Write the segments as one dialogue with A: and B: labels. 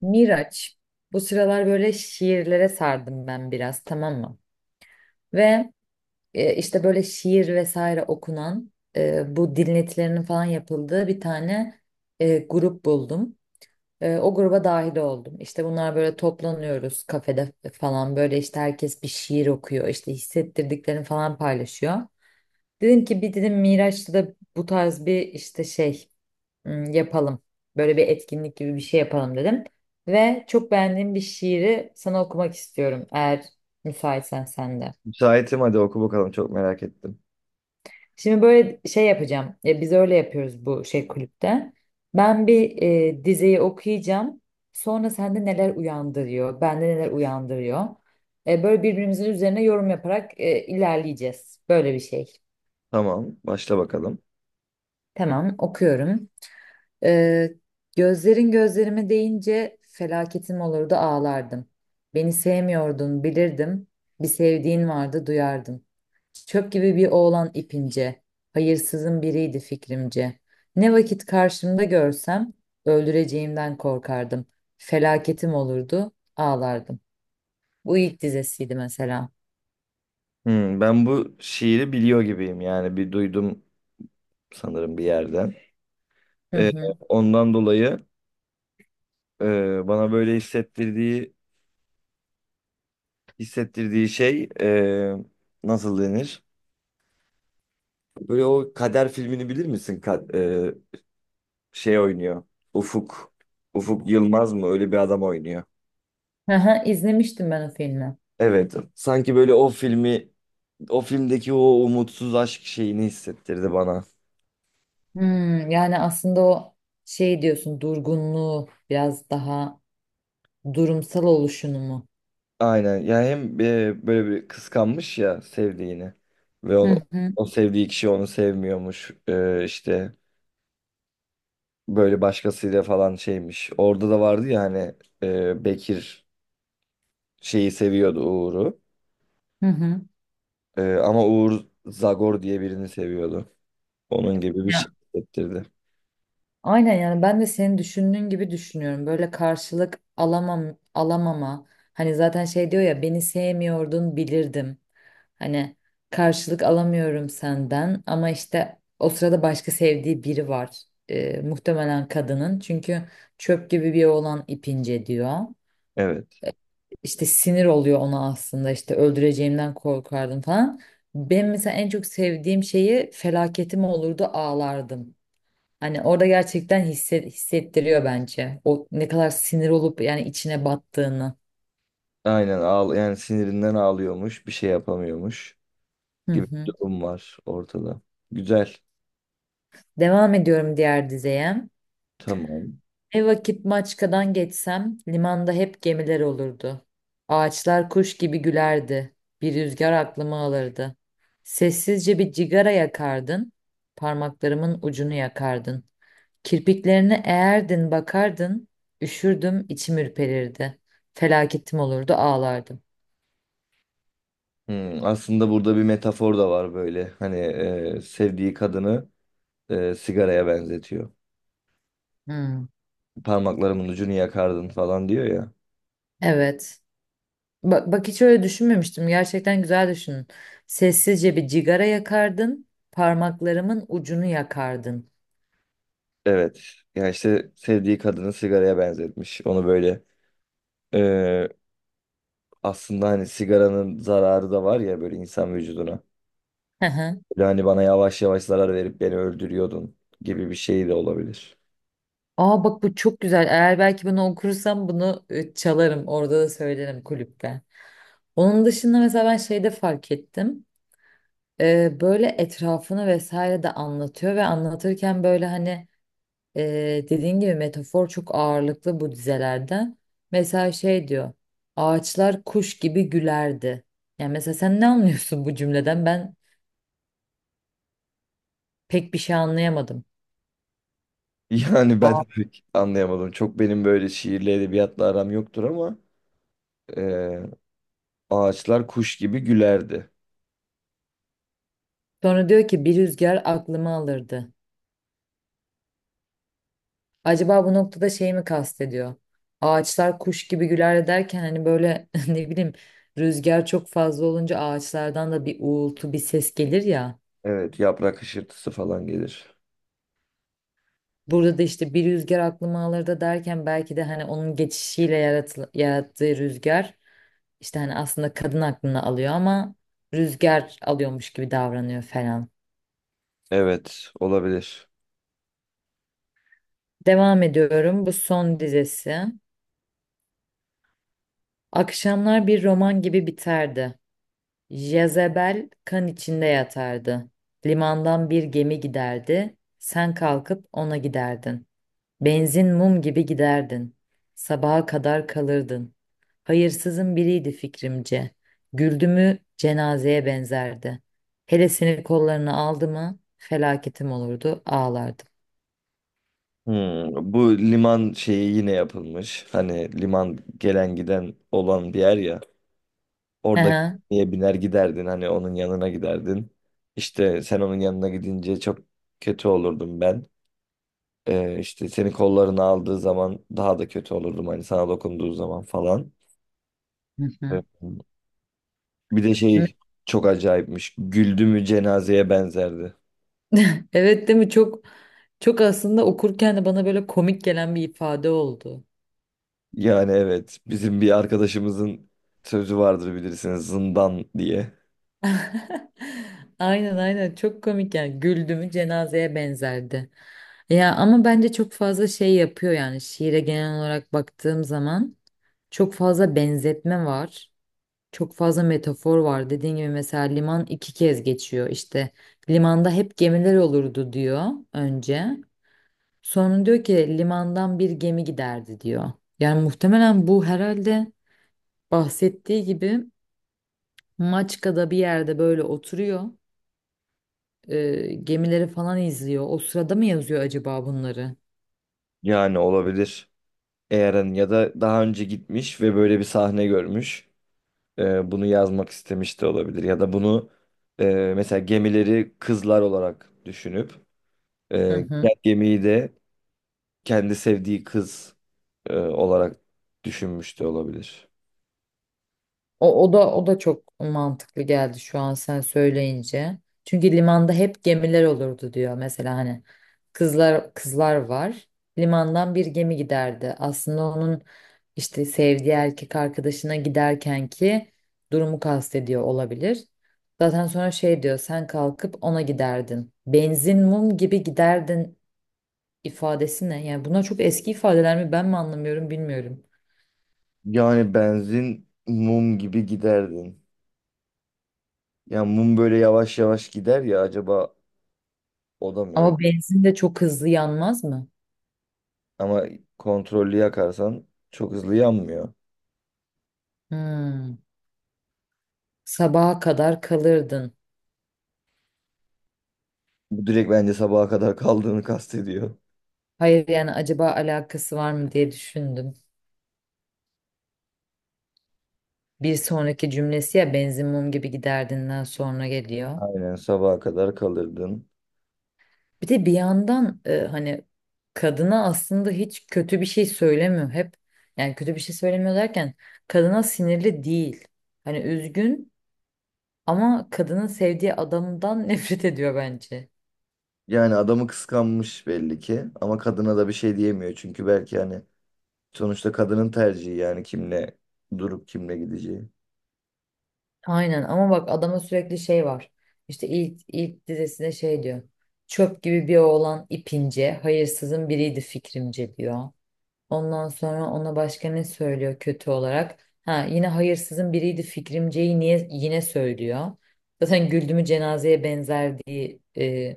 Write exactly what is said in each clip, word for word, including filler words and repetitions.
A: Miraç. Bu sıralar böyle şiirlere sardım ben biraz, tamam mı? Ve e, işte böyle şiir vesaire okunan, e, bu dinletilerinin falan yapıldığı bir tane e, grup buldum. E, o gruba dahil oldum. İşte bunlar, böyle toplanıyoruz kafede falan, böyle işte herkes bir şiir okuyor, işte hissettirdiklerini falan paylaşıyor. Dedim ki bir dedim Miraç'ta da bu tarz bir işte şey, hmm, yapalım. Böyle bir etkinlik gibi bir şey yapalım dedim. Ve çok beğendiğim bir şiiri sana okumak istiyorum, eğer müsaitsen sen de.
B: Müsaitim, hadi oku bakalım, çok merak ettim.
A: Şimdi böyle şey yapacağım. Ya biz öyle yapıyoruz bu şey, kulüpte. Ben bir e, dizeyi okuyacağım. Sonra sende neler uyandırıyor, bende neler uyandırıyor. E, böyle birbirimizin üzerine yorum yaparak e, ilerleyeceğiz. Böyle bir şey.
B: Tamam, başla bakalım.
A: Tamam, okuyorum. Ee, gözlerin gözlerime değince felaketim olurdu ağlardım. Beni sevmiyordun bilirdim. Bir sevdiğin vardı duyardım. Çöp gibi bir oğlan ipince. Hayırsızın biriydi fikrimce. Ne vakit karşımda görsem öldüreceğimden korkardım. Felaketim olurdu ağlardım. Bu ilk dizesiydi mesela.
B: Hmm, ben bu şiiri biliyor gibiyim, yani bir duydum sanırım bir yerden.
A: Hı
B: Ee,
A: hı.
B: ondan dolayı e, bana böyle hissettirdiği hissettirdiği şey, e, nasıl denir? Böyle o Kader filmini bilir misin? Ka- e, şey oynuyor. Ufuk. Ufuk Yılmaz mı? Öyle bir adam oynuyor.
A: Aha, izlemiştim ben o filmi.
B: Evet. Sanki böyle o filmi, o filmdeki o umutsuz aşk şeyini hissettirdi bana.
A: Hmm, yani aslında o şey diyorsun, durgunluğu biraz daha. Durumsal oluşunu mu?
B: Aynen. Ya hem e, böyle bir kıskanmış ya sevdiğini ve onu,
A: Hı hı,
B: o sevdiği kişi onu sevmiyormuş. E, işte böyle başkasıyla falan şeymiş. Orada da vardı ya hani, e, Bekir şeyi seviyordu, Uğur'u.
A: hı hı.
B: E, ama Uğur Zagor diye birini seviyordu. Onun gibi bir
A: Ya,
B: şey hissettirdi.
A: aynen, yani ben de senin düşündüğün gibi düşünüyorum. Böyle karşılık alamam, alamama. Hani zaten şey diyor ya, beni sevmiyordun bilirdim. Hani karşılık alamıyorum senden, ama işte o sırada başka sevdiği biri var. Ee, muhtemelen kadının. Çünkü çöp gibi bir oğlan ipince diyor.
B: Evet.
A: İşte sinir oluyor ona, aslında işte öldüreceğimden korkardım falan. Ben mesela en çok sevdiğim şeyi, felaketim olurdu ağlardım. Hani orada gerçekten hisse- hissettiriyor bence. O ne kadar sinir olup yani içine battığını.
B: Aynen, ağl yani sinirinden ağlıyormuş, bir şey yapamıyormuş
A: Hı
B: gibi bir
A: hı.
B: durum var ortada. Güzel.
A: Devam ediyorum diğer dizeye.
B: Tamam.
A: Ne vakit Maçka'dan geçsem limanda hep gemiler olurdu. Ağaçlar kuş gibi gülerdi. Bir rüzgar aklımı alırdı. Sessizce bir cigara yakardın, parmaklarımın ucunu yakardın. Kirpiklerine eğerdin bakardın, üşürdüm içim ürperirdi. Felaketim olurdu ağlardım.
B: Hmm, aslında burada bir metafor da var böyle. Hani, e, sevdiği kadını, e, sigaraya benzetiyor.
A: Hmm,
B: Parmaklarımın ucunu yakardın falan diyor ya.
A: evet. Bak, bak hiç öyle düşünmemiştim. Gerçekten güzel düşünün. Sessizce bir cigara yakardın, parmaklarımın ucunu yakardın.
B: Evet. Ya işte sevdiği kadını sigaraya benzetmiş. Onu böyle, e, aslında hani sigaranın zararı da var ya böyle insan vücuduna.
A: Hı hı.
B: Böyle hani bana yavaş yavaş zarar verip beni öldürüyordun gibi bir şey de olabilir.
A: Aa bak, bu çok güzel. Eğer belki bunu okursam bunu e, çalarım. Orada da söylerim kulüpte. Onun dışında mesela ben şeyde fark ettim. Ee, böyle etrafını vesaire de anlatıyor ve anlatırken böyle hani, Ee, dediğin gibi metafor çok ağırlıklı bu dizelerden. Mesela şey diyor. Ağaçlar kuş gibi gülerdi. Yani mesela sen ne anlıyorsun bu cümleden? Ben pek bir şey anlayamadım.
B: Yani ben
A: Aa,
B: de pek anlayamadım. Çok benim böyle şiirle edebiyatla aram yoktur ama e, ağaçlar kuş gibi gülerdi.
A: sonra diyor ki bir rüzgar aklımı alırdı. Acaba bu noktada şey mi kastediyor? Ağaçlar kuş gibi güler derken hani böyle ne bileyim, rüzgar çok fazla olunca ağaçlardan da bir uğultu, bir ses gelir ya.
B: Evet, yaprak hışırtısı falan gelir.
A: Burada da işte bir rüzgar aklıma alır da derken, belki de hani onun geçişiyle yaratıl- yarattığı rüzgar, işte hani aslında kadın aklını alıyor, ama rüzgar alıyormuş gibi davranıyor falan.
B: Evet, olabilir.
A: Devam ediyorum. Bu son dizesi. Akşamlar bir roman gibi biterdi. Jezebel kan içinde yatardı. Limandan bir gemi giderdi. Sen kalkıp ona giderdin. Benzin mum gibi giderdin. Sabaha kadar kalırdın. Hayırsızın biriydi fikrimce. Güldü mü cenazeye benzerdi. Hele seni kollarına aldı mı felaketim olurdu ağlardım.
B: Hmm, bu liman şeyi yine yapılmış. Hani liman gelen giden olan bir yer ya.
A: Hı
B: Orada
A: hı.
B: niye biner giderdin, hani onun yanına giderdin. İşte sen onun yanına gidince çok kötü olurdum ben. Ee, işte seni kollarına aldığı zaman daha da kötü olurdum, hani sana dokunduğu zaman falan.
A: Hı
B: Evet. Bir de
A: hı.
B: şey çok acayipmiş. Güldü mü cenazeye benzerdi.
A: Evet, değil mi? Çok, çok aslında okurken de bana böyle komik gelen bir ifade oldu.
B: Yani evet, bizim bir arkadaşımızın sözü vardır bilirsiniz, zindan diye.
A: Aynen, aynen, çok komik yani, güldüğümü cenazeye benzerdi. Ya ama bence çok fazla şey yapıyor, yani şiire genel olarak baktığım zaman. Çok fazla benzetme var. Çok fazla metafor var. Dediğim gibi mesela liman iki kez geçiyor. İşte limanda hep gemiler olurdu diyor önce. Sonra diyor ki limandan bir gemi giderdi diyor. Yani muhtemelen bu, herhalde bahsettiği gibi Maçka'da bir yerde böyle oturuyor, e, gemileri falan izliyor. O sırada mı yazıyor acaba bunları?
B: Yani olabilir. Eğer'in ya da daha önce gitmiş ve böyle bir sahne görmüş. Ee, bunu yazmak istemiş de olabilir. Ya da bunu, e, mesela gemileri kızlar olarak düşünüp, e,
A: Hı hı.
B: giden gemiyi de kendi sevdiği kız, e, olarak düşünmüş de olabilir.
A: O, o da o da çok mantıklı geldi şu an sen söyleyince. Çünkü limanda hep gemiler olurdu diyor. Mesela hani kızlar, kızlar var. Limandan bir gemi giderdi. Aslında onun işte sevdiği erkek arkadaşına giderken ki durumu kastediyor olabilir. Zaten sonra şey diyor, sen kalkıp ona giderdin. Benzin mum gibi giderdin ifadesi ne? Yani bunlar çok eski ifadeler mi, ben mi anlamıyorum, bilmiyorum.
B: Yani benzin mum gibi giderdin. Ya mum böyle yavaş yavaş gider ya, acaba o da mı öyle?
A: Ama benzin de çok hızlı yanmaz mı?
B: Ama kontrollü yakarsan çok hızlı yanmıyor.
A: Hmm. Sabaha kadar kalırdın.
B: Bu direkt bence sabaha kadar kaldığını kastediyor.
A: Hayır yani acaba alakası var mı diye düşündüm. Bir sonraki cümlesi ya benzin mum gibi giderdinden sonra geliyor.
B: Aynen, sabaha kadar kalırdın.
A: Bir de bir yandan e, hani kadına aslında hiç kötü bir şey söylemiyor hep. Yani kötü bir şey söylemiyor derken, kadına sinirli değil. Hani üzgün, ama kadının sevdiği adamdan nefret ediyor bence.
B: Yani adamı kıskanmış belli ki ama kadına da bir şey diyemiyor çünkü belki hani sonuçta kadının tercihi, yani kimle durup kimle gideceği.
A: Aynen, ama bak adama sürekli şey var. İşte ilk, ilk dizesinde şey diyor. Çöp gibi bir oğlan ipince, hayırsızın biriydi fikrimce diyor. Ondan sonra ona başka ne söylüyor kötü olarak? Ha, yine hayırsızın biriydi fikrimceyi niye yine söylüyor. Zaten güldümü cenazeye benzer diye e,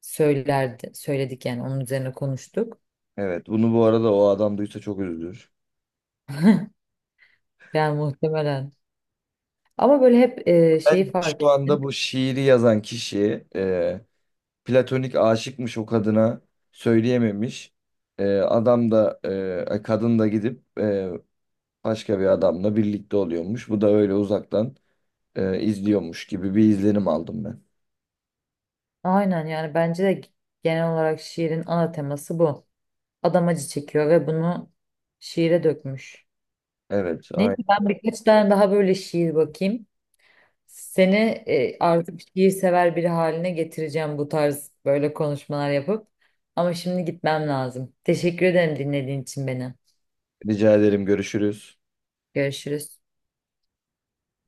A: söylerdi, söyledik yani onun üzerine konuştuk.
B: Evet, bunu bu arada o adam duysa çok üzülür.
A: Yani muhtemelen. Ama böyle hep e,
B: Ben
A: şeyi fark
B: şu anda
A: ettim.
B: bu şiiri yazan kişi, e, platonik aşıkmış o kadına, söyleyememiş. E, adam da e, e, kadın da gidip e, başka bir adamla birlikte oluyormuş. Bu da öyle uzaktan e, izliyormuş gibi bir izlenim aldım ben.
A: Aynen, yani bence de genel olarak şiirin ana teması bu. Adam acı çekiyor ve bunu şiire dökmüş.
B: Evet,
A: Neyse,
B: aynen.
A: ben birkaç tane daha böyle şiir bakayım. Seni e, artık şiir sever biri haline getireceğim bu tarz böyle konuşmalar yapıp. Ama şimdi gitmem lazım. Teşekkür ederim dinlediğin için beni.
B: Rica ederim. Görüşürüz.
A: Görüşürüz.